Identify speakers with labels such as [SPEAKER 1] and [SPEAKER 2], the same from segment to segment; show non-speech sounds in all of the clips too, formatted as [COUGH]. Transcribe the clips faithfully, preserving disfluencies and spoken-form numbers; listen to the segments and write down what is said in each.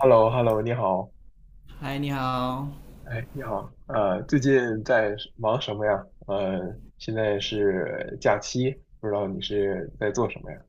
[SPEAKER 1] h e l l o h e l l o 你好，
[SPEAKER 2] 嗨，你好。
[SPEAKER 1] 哎，你好，呃，最近在忙什么呀？呃，现在是假期，不知道你是在做什么呀？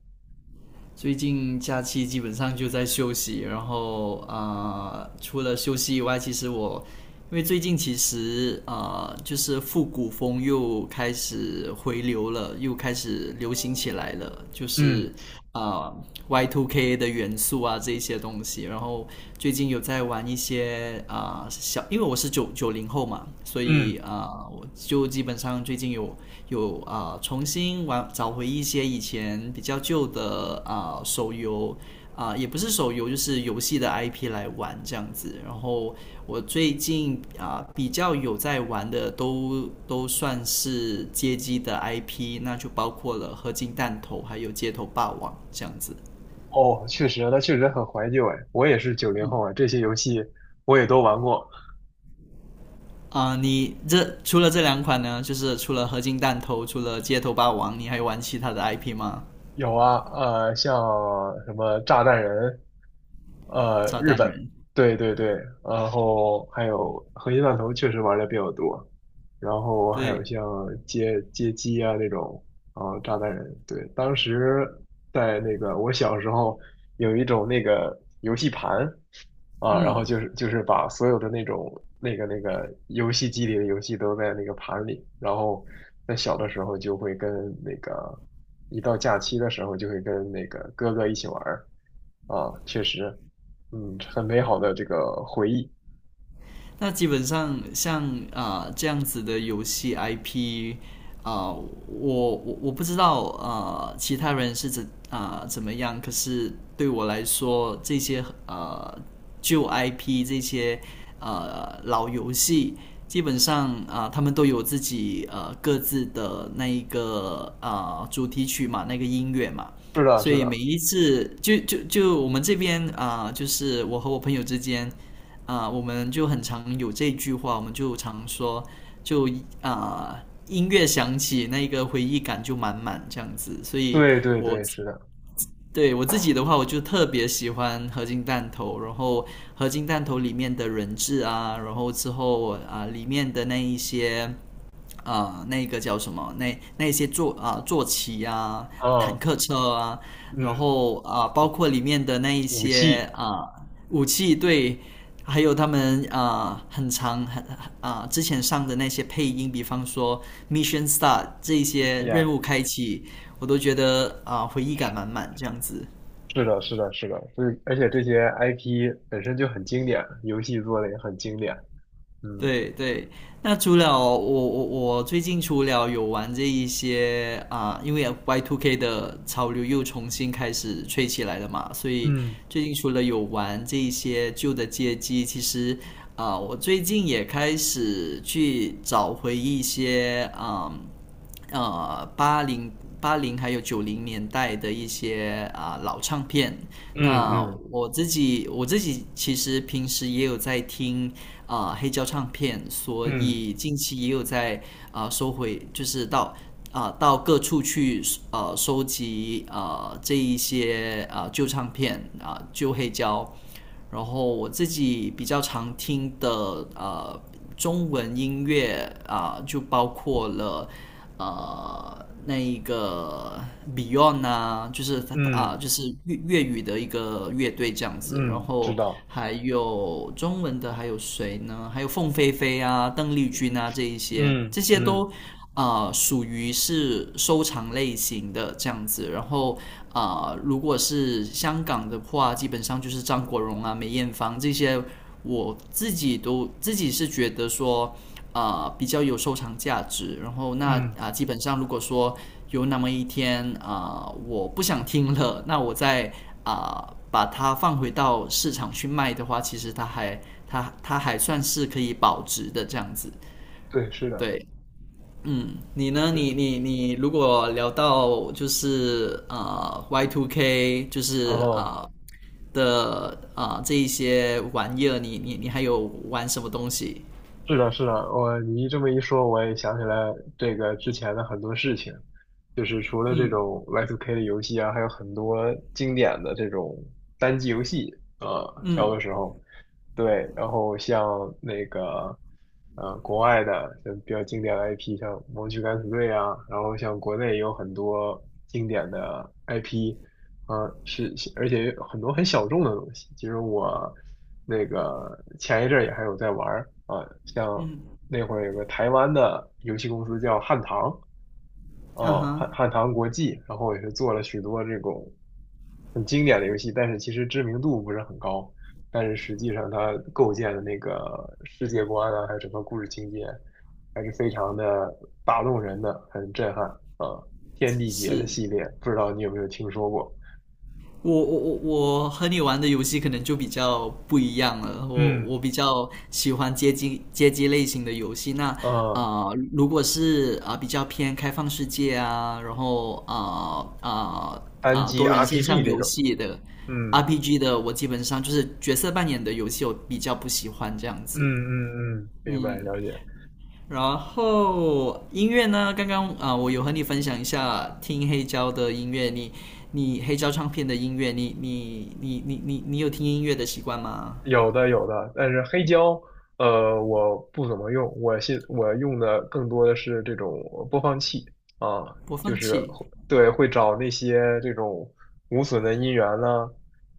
[SPEAKER 2] 最近假期基本上就在休息，然后呃，除了休息以外，其实我因为最近其实呃，就是复古风又开始回流了，又开始流行起来了，就是
[SPEAKER 1] 嗯
[SPEAKER 2] 呃 Y 二 K 的元素啊这一些东西。然后最近有在玩一些啊、呃小，因为我是九九零后嘛，所以
[SPEAKER 1] 嗯，
[SPEAKER 2] 啊、呃我就基本上最近。有。有啊、呃重新玩找回一些以前比较旧的啊、呃手游啊、呃也不是手游，就是游戏的 I P 来玩这样子。然后我最近啊、呃比较有在玩的都都算是街机的 I P,那就包括了《合金弹头》还有《街头霸王》这样子。
[SPEAKER 1] 哦，确实，它确实很怀旧哎，我也是九零后啊，这些游戏我也都玩过。
[SPEAKER 2] 啊、呃你这除了这两款呢，就是除了合金弹头，除了街头霸王，你还玩其他的 I P 吗？
[SPEAKER 1] 有啊，呃，像什么炸弹人，呃，
[SPEAKER 2] 炸
[SPEAKER 1] 日
[SPEAKER 2] 弹
[SPEAKER 1] 本，
[SPEAKER 2] 人，
[SPEAKER 1] 对对对，然后还有核心弹头确实玩的比较多，然后还有
[SPEAKER 2] 对。
[SPEAKER 1] 像街街机啊那种，啊炸弹人，对，当时在那个我小时候有一种那个游戏盘啊，然后就是就是把所有的那种那个那个游戏机里的游戏都在那个盘里，然后在小的时候就会跟那个一到假期的时候就会跟那个哥哥一起玩儿啊，确实。嗯，很美好的这个回忆。
[SPEAKER 2] 那基本上像啊、呃这样子的游戏 I P, 啊、呃我我我不知道啊呃其他人是怎啊、呃怎么样，可是对我来说这些呃旧 I P 这些呃老游戏。基本上啊、呃他们都有自己呃各自的那一个啊呃主题曲嘛，那个音乐嘛，
[SPEAKER 1] 是的，
[SPEAKER 2] 所
[SPEAKER 1] 是
[SPEAKER 2] 以每
[SPEAKER 1] 的，
[SPEAKER 2] 一次就就就我们这边啊、呃就是我和我朋友之间啊、呃我们就很常有这句话，我们就常说，就啊、呃音乐响起，那个回忆感就满满这样子。所以
[SPEAKER 1] 对对
[SPEAKER 2] 我
[SPEAKER 1] 对，是的，
[SPEAKER 2] 对我自己的话，我就特别喜欢合金弹头，然后合金弹头里面的人质啊，然后之后啊、呃里面的那一些啊，那个叫什么那那些坐啊、呃坐骑啊、坦
[SPEAKER 1] 啊，
[SPEAKER 2] 克车啊，然
[SPEAKER 1] 嗯，
[SPEAKER 2] 后啊、呃包括里面的那一
[SPEAKER 1] 武
[SPEAKER 2] 些
[SPEAKER 1] 器
[SPEAKER 2] 啊、呃武器对。还有他们啊、呃很长很啊、呃之前上的那些配音，比方说 Mission Start 这一些
[SPEAKER 1] y
[SPEAKER 2] 任务开启，我都觉得啊、呃回忆感满满这样子。
[SPEAKER 1] 是的，是的，是的，是，而且这些 I P 本身就很经典，游戏做的也很经典。嗯
[SPEAKER 2] 对对，那除了我我我最近除了有玩这一些啊、因为 Y 二 K 的潮流又重新开始吹起来了嘛，所以
[SPEAKER 1] 嗯
[SPEAKER 2] 最近除了有玩这一些旧的街机，其实啊、我最近也开始去找回一些啊、呃八零八零还有九零年代的一些啊、老唱片。
[SPEAKER 1] 嗯
[SPEAKER 2] 那
[SPEAKER 1] 嗯
[SPEAKER 2] 我自己我自己其实平时也有在听啊、黑胶唱片，所
[SPEAKER 1] 嗯
[SPEAKER 2] 以近期也有在啊、收回，就是到啊、到各处去呃收集啊、这一些啊、旧唱片啊、旧黑胶。然后我自己比较常听的呃中文音乐啊、呃就包括了呃那一个 Beyond 啊，就是他啊、
[SPEAKER 1] 嗯
[SPEAKER 2] 就是粤粤语的一个乐队这样子，然
[SPEAKER 1] 嗯，知
[SPEAKER 2] 后
[SPEAKER 1] 道，
[SPEAKER 2] 还有中文的还有谁呢？还有凤飞飞啊、邓丽君啊这一些，
[SPEAKER 1] 嗯
[SPEAKER 2] 这些
[SPEAKER 1] 嗯
[SPEAKER 2] 都。啊属于是收藏类型的这样子，然后。啊、呃如果是香港的话，基本上就是张国荣啊、梅艳芳这些，我自己都自己是觉得说，啊、呃比较有收藏价值。然后那啊、
[SPEAKER 1] 嗯，
[SPEAKER 2] 呃基本上如果说有那么一天啊、呃我不想听了，那我再啊、呃把它放回到市场去卖的话，其实它还它它还算是可以保值的这样子。
[SPEAKER 1] 对，是的，
[SPEAKER 2] 对，嗯，你呢？
[SPEAKER 1] 对，
[SPEAKER 2] 你你你，如果聊到就是呃 Y t K,就是
[SPEAKER 1] 哦。
[SPEAKER 2] 呃的呃这一些玩意儿，你你你还有玩什么东西？
[SPEAKER 1] 是的，是的，我你这么一说，我也想起来这个之前的很多事情，就是除了这种 Y 二 K 的游戏啊，还有很多经典的这种单机游戏啊，小的
[SPEAKER 2] 嗯
[SPEAKER 1] 时候，对，然后像那个呃国外的像比较经典的 I P，像《盲区敢死队》啊，然后像国内也有很多经典的 I P，啊，是，是而且有很多很小众的东西。其实我那个前一阵儿也还有在玩儿啊，像
[SPEAKER 2] 嗯，
[SPEAKER 1] 那会儿有个台湾的游戏公司叫汉唐，
[SPEAKER 2] 啊
[SPEAKER 1] 啊，
[SPEAKER 2] 哈，
[SPEAKER 1] 汉汉唐国际，然后也是做了许多这种很经典的游戏，但是其实知名度不是很高，但是实际上它构建的那个世界观啊，还有整个故事情节，还是非常的打动人的，很震撼啊。天地劫的
[SPEAKER 2] 是
[SPEAKER 1] 系列，不知道你有没有听说过？
[SPEAKER 2] 我我我我和你玩的游戏可能就比较不一样了，我
[SPEAKER 1] 嗯。
[SPEAKER 2] 我比较喜欢街机街机类型的游戏。那
[SPEAKER 1] 啊，
[SPEAKER 2] 啊，如果是啊、呃比较偏开放世界啊，然后啊啊
[SPEAKER 1] 单
[SPEAKER 2] 啊
[SPEAKER 1] 机
[SPEAKER 2] 多人线
[SPEAKER 1] R P G
[SPEAKER 2] 上
[SPEAKER 1] 这
[SPEAKER 2] 游
[SPEAKER 1] 种，
[SPEAKER 2] 戏的
[SPEAKER 1] 嗯
[SPEAKER 2] R P G 的，我基本上就是角色扮演的游戏，我比较不喜欢这样
[SPEAKER 1] 嗯
[SPEAKER 2] 子。
[SPEAKER 1] 嗯嗯，明白
[SPEAKER 2] 嗯，
[SPEAKER 1] 了解。
[SPEAKER 2] 然后音乐呢？刚刚啊、呃我有和你分享一下听黑胶的音乐，你你黑胶唱片的音乐，你你你你你你有听音乐的习惯吗？
[SPEAKER 1] 有的有的，但是黑胶，呃，我不怎么用，我现我用的更多的是这种播放器啊，
[SPEAKER 2] 播
[SPEAKER 1] 就
[SPEAKER 2] 放
[SPEAKER 1] 是
[SPEAKER 2] 器，
[SPEAKER 1] 会对会找那些这种无损的音源呢，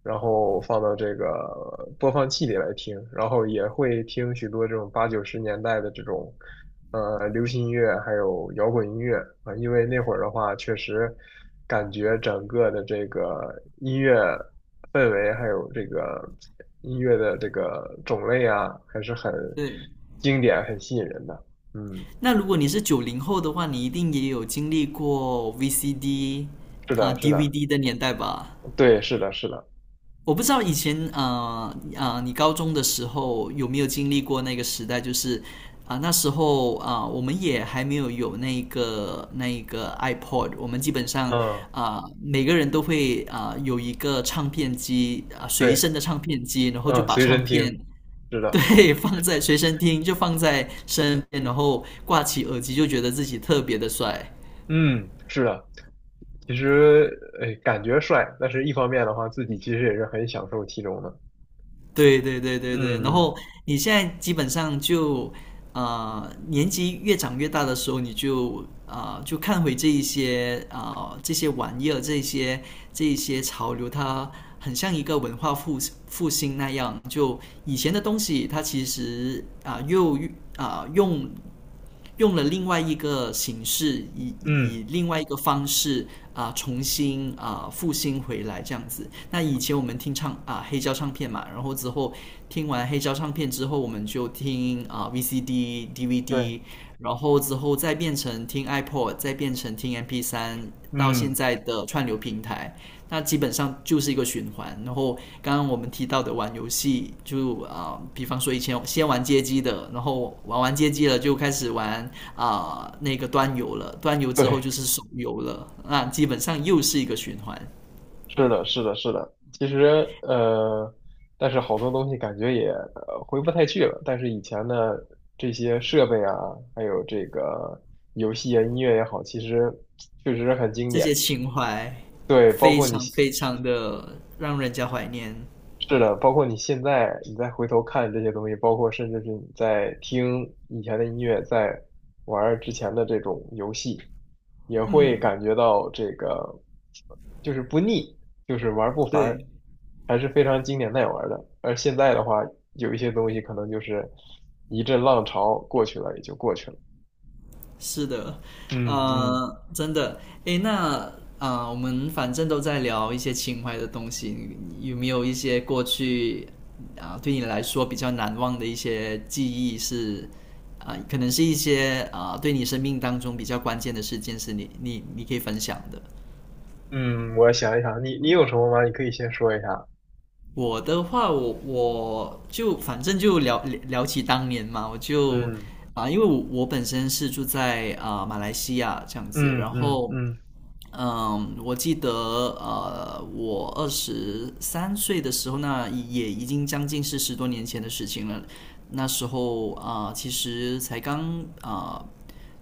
[SPEAKER 1] 然后放到这个播放器里来听，然后也会听许多这种八九十年代的这种呃流行音乐，还有摇滚音乐啊，因为那会儿的话，确实感觉整个的这个音乐。氛围，还有这个音乐的这个种类啊，还是很
[SPEAKER 2] 对。
[SPEAKER 1] 经典、很吸引人的。嗯，
[SPEAKER 2] 那如果你是九零后的话，你一定也有经历过 V C D
[SPEAKER 1] 是
[SPEAKER 2] 啊、
[SPEAKER 1] 的，是的，
[SPEAKER 2] D V D 的年代吧？
[SPEAKER 1] 对，是的，是的，
[SPEAKER 2] 我不知道以前啊啊呃呃，你高中的时候有没有经历过那个时代？就是啊、呃那时候啊、呃我们也还没有有那个那个 iPod,我们基本上
[SPEAKER 1] 嗯，
[SPEAKER 2] 啊、呃每个人都会啊、呃有一个唱片机啊、呃随
[SPEAKER 1] 对，
[SPEAKER 2] 身的唱片机，然后就
[SPEAKER 1] 嗯，
[SPEAKER 2] 把
[SPEAKER 1] 随
[SPEAKER 2] 唱
[SPEAKER 1] 身
[SPEAKER 2] 片
[SPEAKER 1] 听，是的，
[SPEAKER 2] 对 [LAUGHS] 放在随身听，就放在身边，然后挂起耳机，就觉得自己特别的帅。
[SPEAKER 1] 嗯，是的。其实，哎，感觉帅，但是一方面的话，自己其实也是很享受其中的。
[SPEAKER 2] 对对对对对，然
[SPEAKER 1] 嗯嗯
[SPEAKER 2] 后你现在基本上就，呃，年纪越长越大的时候，你就啊、呃就看回这一些啊、呃这些玩意儿，这一些这一些潮流，它很像一个文化复复兴那样。就以前的东西，它其实啊、又啊、用用了另外一个形式，以
[SPEAKER 1] 嗯，
[SPEAKER 2] 以另外一个方式啊、重新啊、复兴回来这样子。那以前我们听唱啊、黑胶唱片嘛，然后之后听完黑胶唱片之后，我们就听啊、V C D、
[SPEAKER 1] 对，
[SPEAKER 2] D V D,然后之后再变成听 iPod,再变成听 M P 三,到现
[SPEAKER 1] 嗯
[SPEAKER 2] 在的串流平台。那基本上就是一个循环。然后刚刚我们提到的玩游戏，就啊、呃比方说以前先玩街机的，然后玩完街机了就开始玩啊、呃那个端游了，端游之后就
[SPEAKER 1] 对。
[SPEAKER 2] 是手游了，那基本上又是一个循环。
[SPEAKER 1] 是的，是的，是的。其实，呃，但是好多东西感觉也呃回不太去了。但是以前的这些设备啊，还有这个游戏啊、音乐也好，其实确实很经
[SPEAKER 2] 这些
[SPEAKER 1] 典。
[SPEAKER 2] 情怀
[SPEAKER 1] 对，包
[SPEAKER 2] 非
[SPEAKER 1] 括你
[SPEAKER 2] 常非常的让人家怀念。
[SPEAKER 1] 是的，包括你现在你再回头看这些东西，包括甚至是你在听以前的音乐，在玩儿之前的这种游戏，也会
[SPEAKER 2] 嗯，
[SPEAKER 1] 感觉到这个就是不腻，就是玩儿不烦，
[SPEAKER 2] 对。
[SPEAKER 1] 还是非常经典耐玩儿的。而现在的话，有一些东西可能就是一阵浪潮过去了，也就过去了。
[SPEAKER 2] 是的，
[SPEAKER 1] 嗯嗯
[SPEAKER 2] 呃，真的，诶，那啊、呃我们反正都在聊一些情怀的东西，你有没有一些过去啊、对你来说比较难忘的一些记忆是啊、可能是一些啊、对你生命当中比较关键的事件，是你你你可以分享的。
[SPEAKER 1] 嗯，我想一想，你你有什么吗？你可以先说一下。
[SPEAKER 2] 我的话，我我就反正就聊聊起当年嘛，我就
[SPEAKER 1] 嗯
[SPEAKER 2] 啊、因为我我本身是住在啊、马来西亚这样子，
[SPEAKER 1] 嗯
[SPEAKER 2] 然
[SPEAKER 1] 嗯
[SPEAKER 2] 后。
[SPEAKER 1] 嗯
[SPEAKER 2] 嗯，我记得呃，我二十三岁的时候呢，那也已经将近是十多年前的事情了。那时候啊、呃其实才刚啊、呃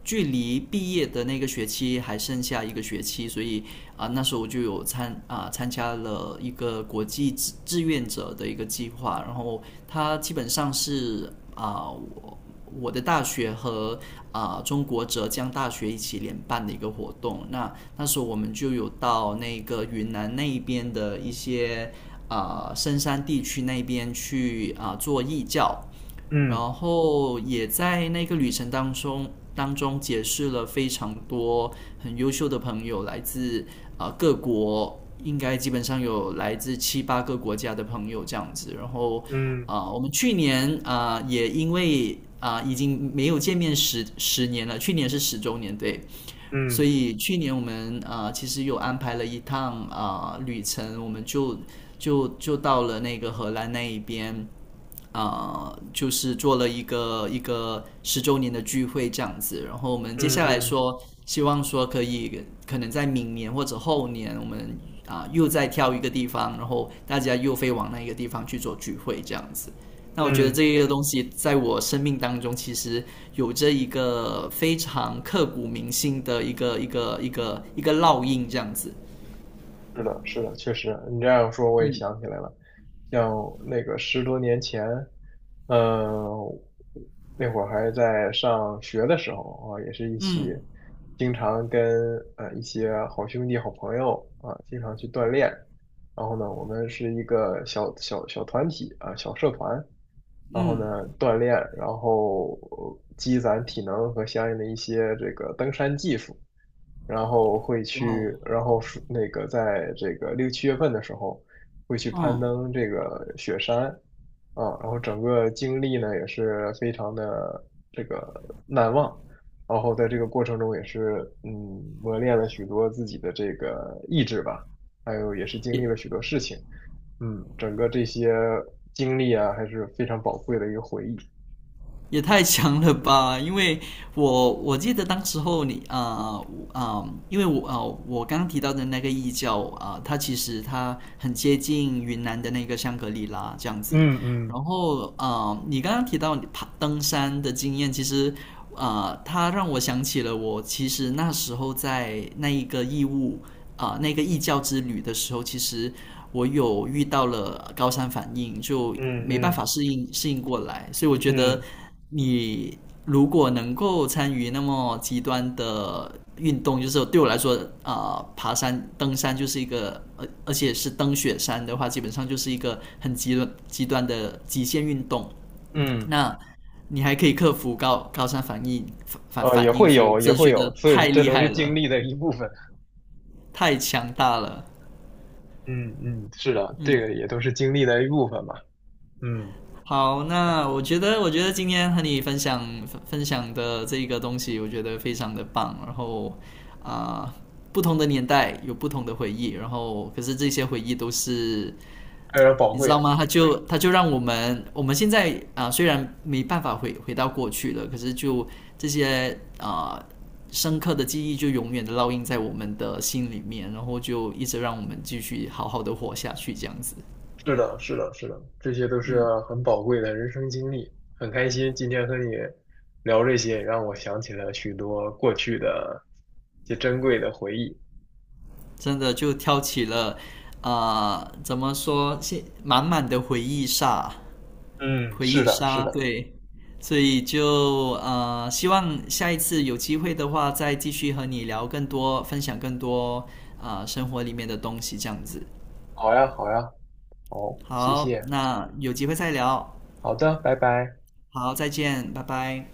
[SPEAKER 2] 距离毕业的那个学期还剩下一个学期，所以啊、呃那时候我就有参啊、呃参加了一个国际志志愿者的一个计划，然后它基本上是啊、呃我我的大学和啊、呃中国浙江大学一起联办的一个活动。啊，那时候我们就有到那个云南那一边的一些啊深山地区那边去啊做义教，然
[SPEAKER 1] 嗯
[SPEAKER 2] 后也在那个旅程当中当中结识了非常多很优秀的朋友，来自啊各国，应该基本上有来自七八个国家的朋友这样子，然后。
[SPEAKER 1] 嗯
[SPEAKER 2] 啊，我们去年啊也因为啊已经没有见面十十年了，去年是十周年，对。所
[SPEAKER 1] 嗯。
[SPEAKER 2] 以去年我们啊、呃其实有安排了一趟啊、呃旅程，我们就就就到了那个荷兰那一边。啊、就是做了一个一个十周年的聚会这样子。然后我们接
[SPEAKER 1] 嗯
[SPEAKER 2] 下来
[SPEAKER 1] 嗯
[SPEAKER 2] 说，希望说可以可能在明年或者后年，我们啊、又再挑一个地方，然后大家又飞往那一个地方去做聚会这样子。那我觉得
[SPEAKER 1] 嗯，
[SPEAKER 2] 这个东西在我生命当中其实有着一个非常刻骨铭心的一个一个一个一个烙印这样子。
[SPEAKER 1] 是的，是的，确实，你这样说我也想起来了，像那个十多年前，呃，那会儿还在上学的时候啊，也是一起经常跟呃一些好兄弟、好朋友啊，经常去锻炼。然后呢，我们是一个小小小团体啊，小社团。然后呢，
[SPEAKER 2] 嗯，
[SPEAKER 1] 锻炼，然后呃积攒体能和相应的一些这个登山技术。然后会
[SPEAKER 2] 哇哦，
[SPEAKER 1] 去，然后是那个在这个六七月份的时候会去攀
[SPEAKER 2] 嗯，
[SPEAKER 1] 登这个雪山啊，然后整个经历呢也是非常的这个难忘，然后在这个过程中也是嗯磨练了许多自己的这个意志吧，还有也是经历了
[SPEAKER 2] 也
[SPEAKER 1] 许多事情，嗯，整个这些经历啊还是非常宝贵的一个回忆。
[SPEAKER 2] 也太强了吧！因为我我记得当时候你啊啊、呃呃因为我啊、呃我刚刚提到的那个异教啊、呃它其实它很接近云南的那个香格里拉这样子。
[SPEAKER 1] 嗯嗯
[SPEAKER 2] 然后啊、呃你刚刚提到你爬登山的经验，其实啊、呃它让我想起了我其实那时候在那一个义务啊、呃那个异教之旅的时候，其实我有遇到了高山反应，就
[SPEAKER 1] 嗯
[SPEAKER 2] 没办
[SPEAKER 1] 嗯
[SPEAKER 2] 法适应适应过来，所以我觉得。
[SPEAKER 1] 嗯。
[SPEAKER 2] 你如果能够参与那么极端的运动，就是对我来说，啊、呃爬山、登山就是一个，而而且是登雪山的话，基本上就是一个很极端极端的极限运动。
[SPEAKER 1] 嗯。
[SPEAKER 2] 那你还可以克服高高山反应反反
[SPEAKER 1] 呃，也
[SPEAKER 2] 反应，
[SPEAKER 1] 会
[SPEAKER 2] 所以我
[SPEAKER 1] 有，也
[SPEAKER 2] 真
[SPEAKER 1] 会
[SPEAKER 2] 觉得
[SPEAKER 1] 有，所以
[SPEAKER 2] 太
[SPEAKER 1] 这
[SPEAKER 2] 厉
[SPEAKER 1] 都是
[SPEAKER 2] 害了，
[SPEAKER 1] 经历的一部分。
[SPEAKER 2] 太强大了。
[SPEAKER 1] 嗯嗯，是的，这
[SPEAKER 2] 嗯。
[SPEAKER 1] 个也都是经历的一部分嘛。嗯，
[SPEAKER 2] 好，那我觉得，我觉得今天和你分享分享的这个东西，我觉得非常的棒。然后啊、呃不同的年代有不同的回忆，然后可是这些回忆都是，
[SPEAKER 1] 非常宝
[SPEAKER 2] 你知
[SPEAKER 1] 贵
[SPEAKER 2] 道
[SPEAKER 1] 的。
[SPEAKER 2] 吗？它就它就让我们我们现在啊、呃虽然没办法回回到过去了，可是就这些啊、呃深刻的记忆就永远的烙印在我们的心里面，然后就一直让我们继续好好的活下去，这样子。
[SPEAKER 1] 是的，是的，是的，这些都是
[SPEAKER 2] 嗯。
[SPEAKER 1] 很宝贵的人生经历。很开心今天和你聊这些，让我想起了许多过去的一些珍贵的回忆。
[SPEAKER 2] 真的就挑起了，啊，怎么说，现满满的回忆杀，
[SPEAKER 1] 嗯，
[SPEAKER 2] 回
[SPEAKER 1] 是
[SPEAKER 2] 忆
[SPEAKER 1] 的，是
[SPEAKER 2] 杀，
[SPEAKER 1] 的。
[SPEAKER 2] 对，所以就呃，希望下一次有机会的话，再继续和你聊更多，分享更多啊、呃生活里面的东西，这样子。
[SPEAKER 1] 好呀，好呀，好，谢
[SPEAKER 2] 好，
[SPEAKER 1] 谢。
[SPEAKER 2] 那有机会再聊。
[SPEAKER 1] 好的，拜拜。
[SPEAKER 2] 好，再见，拜拜。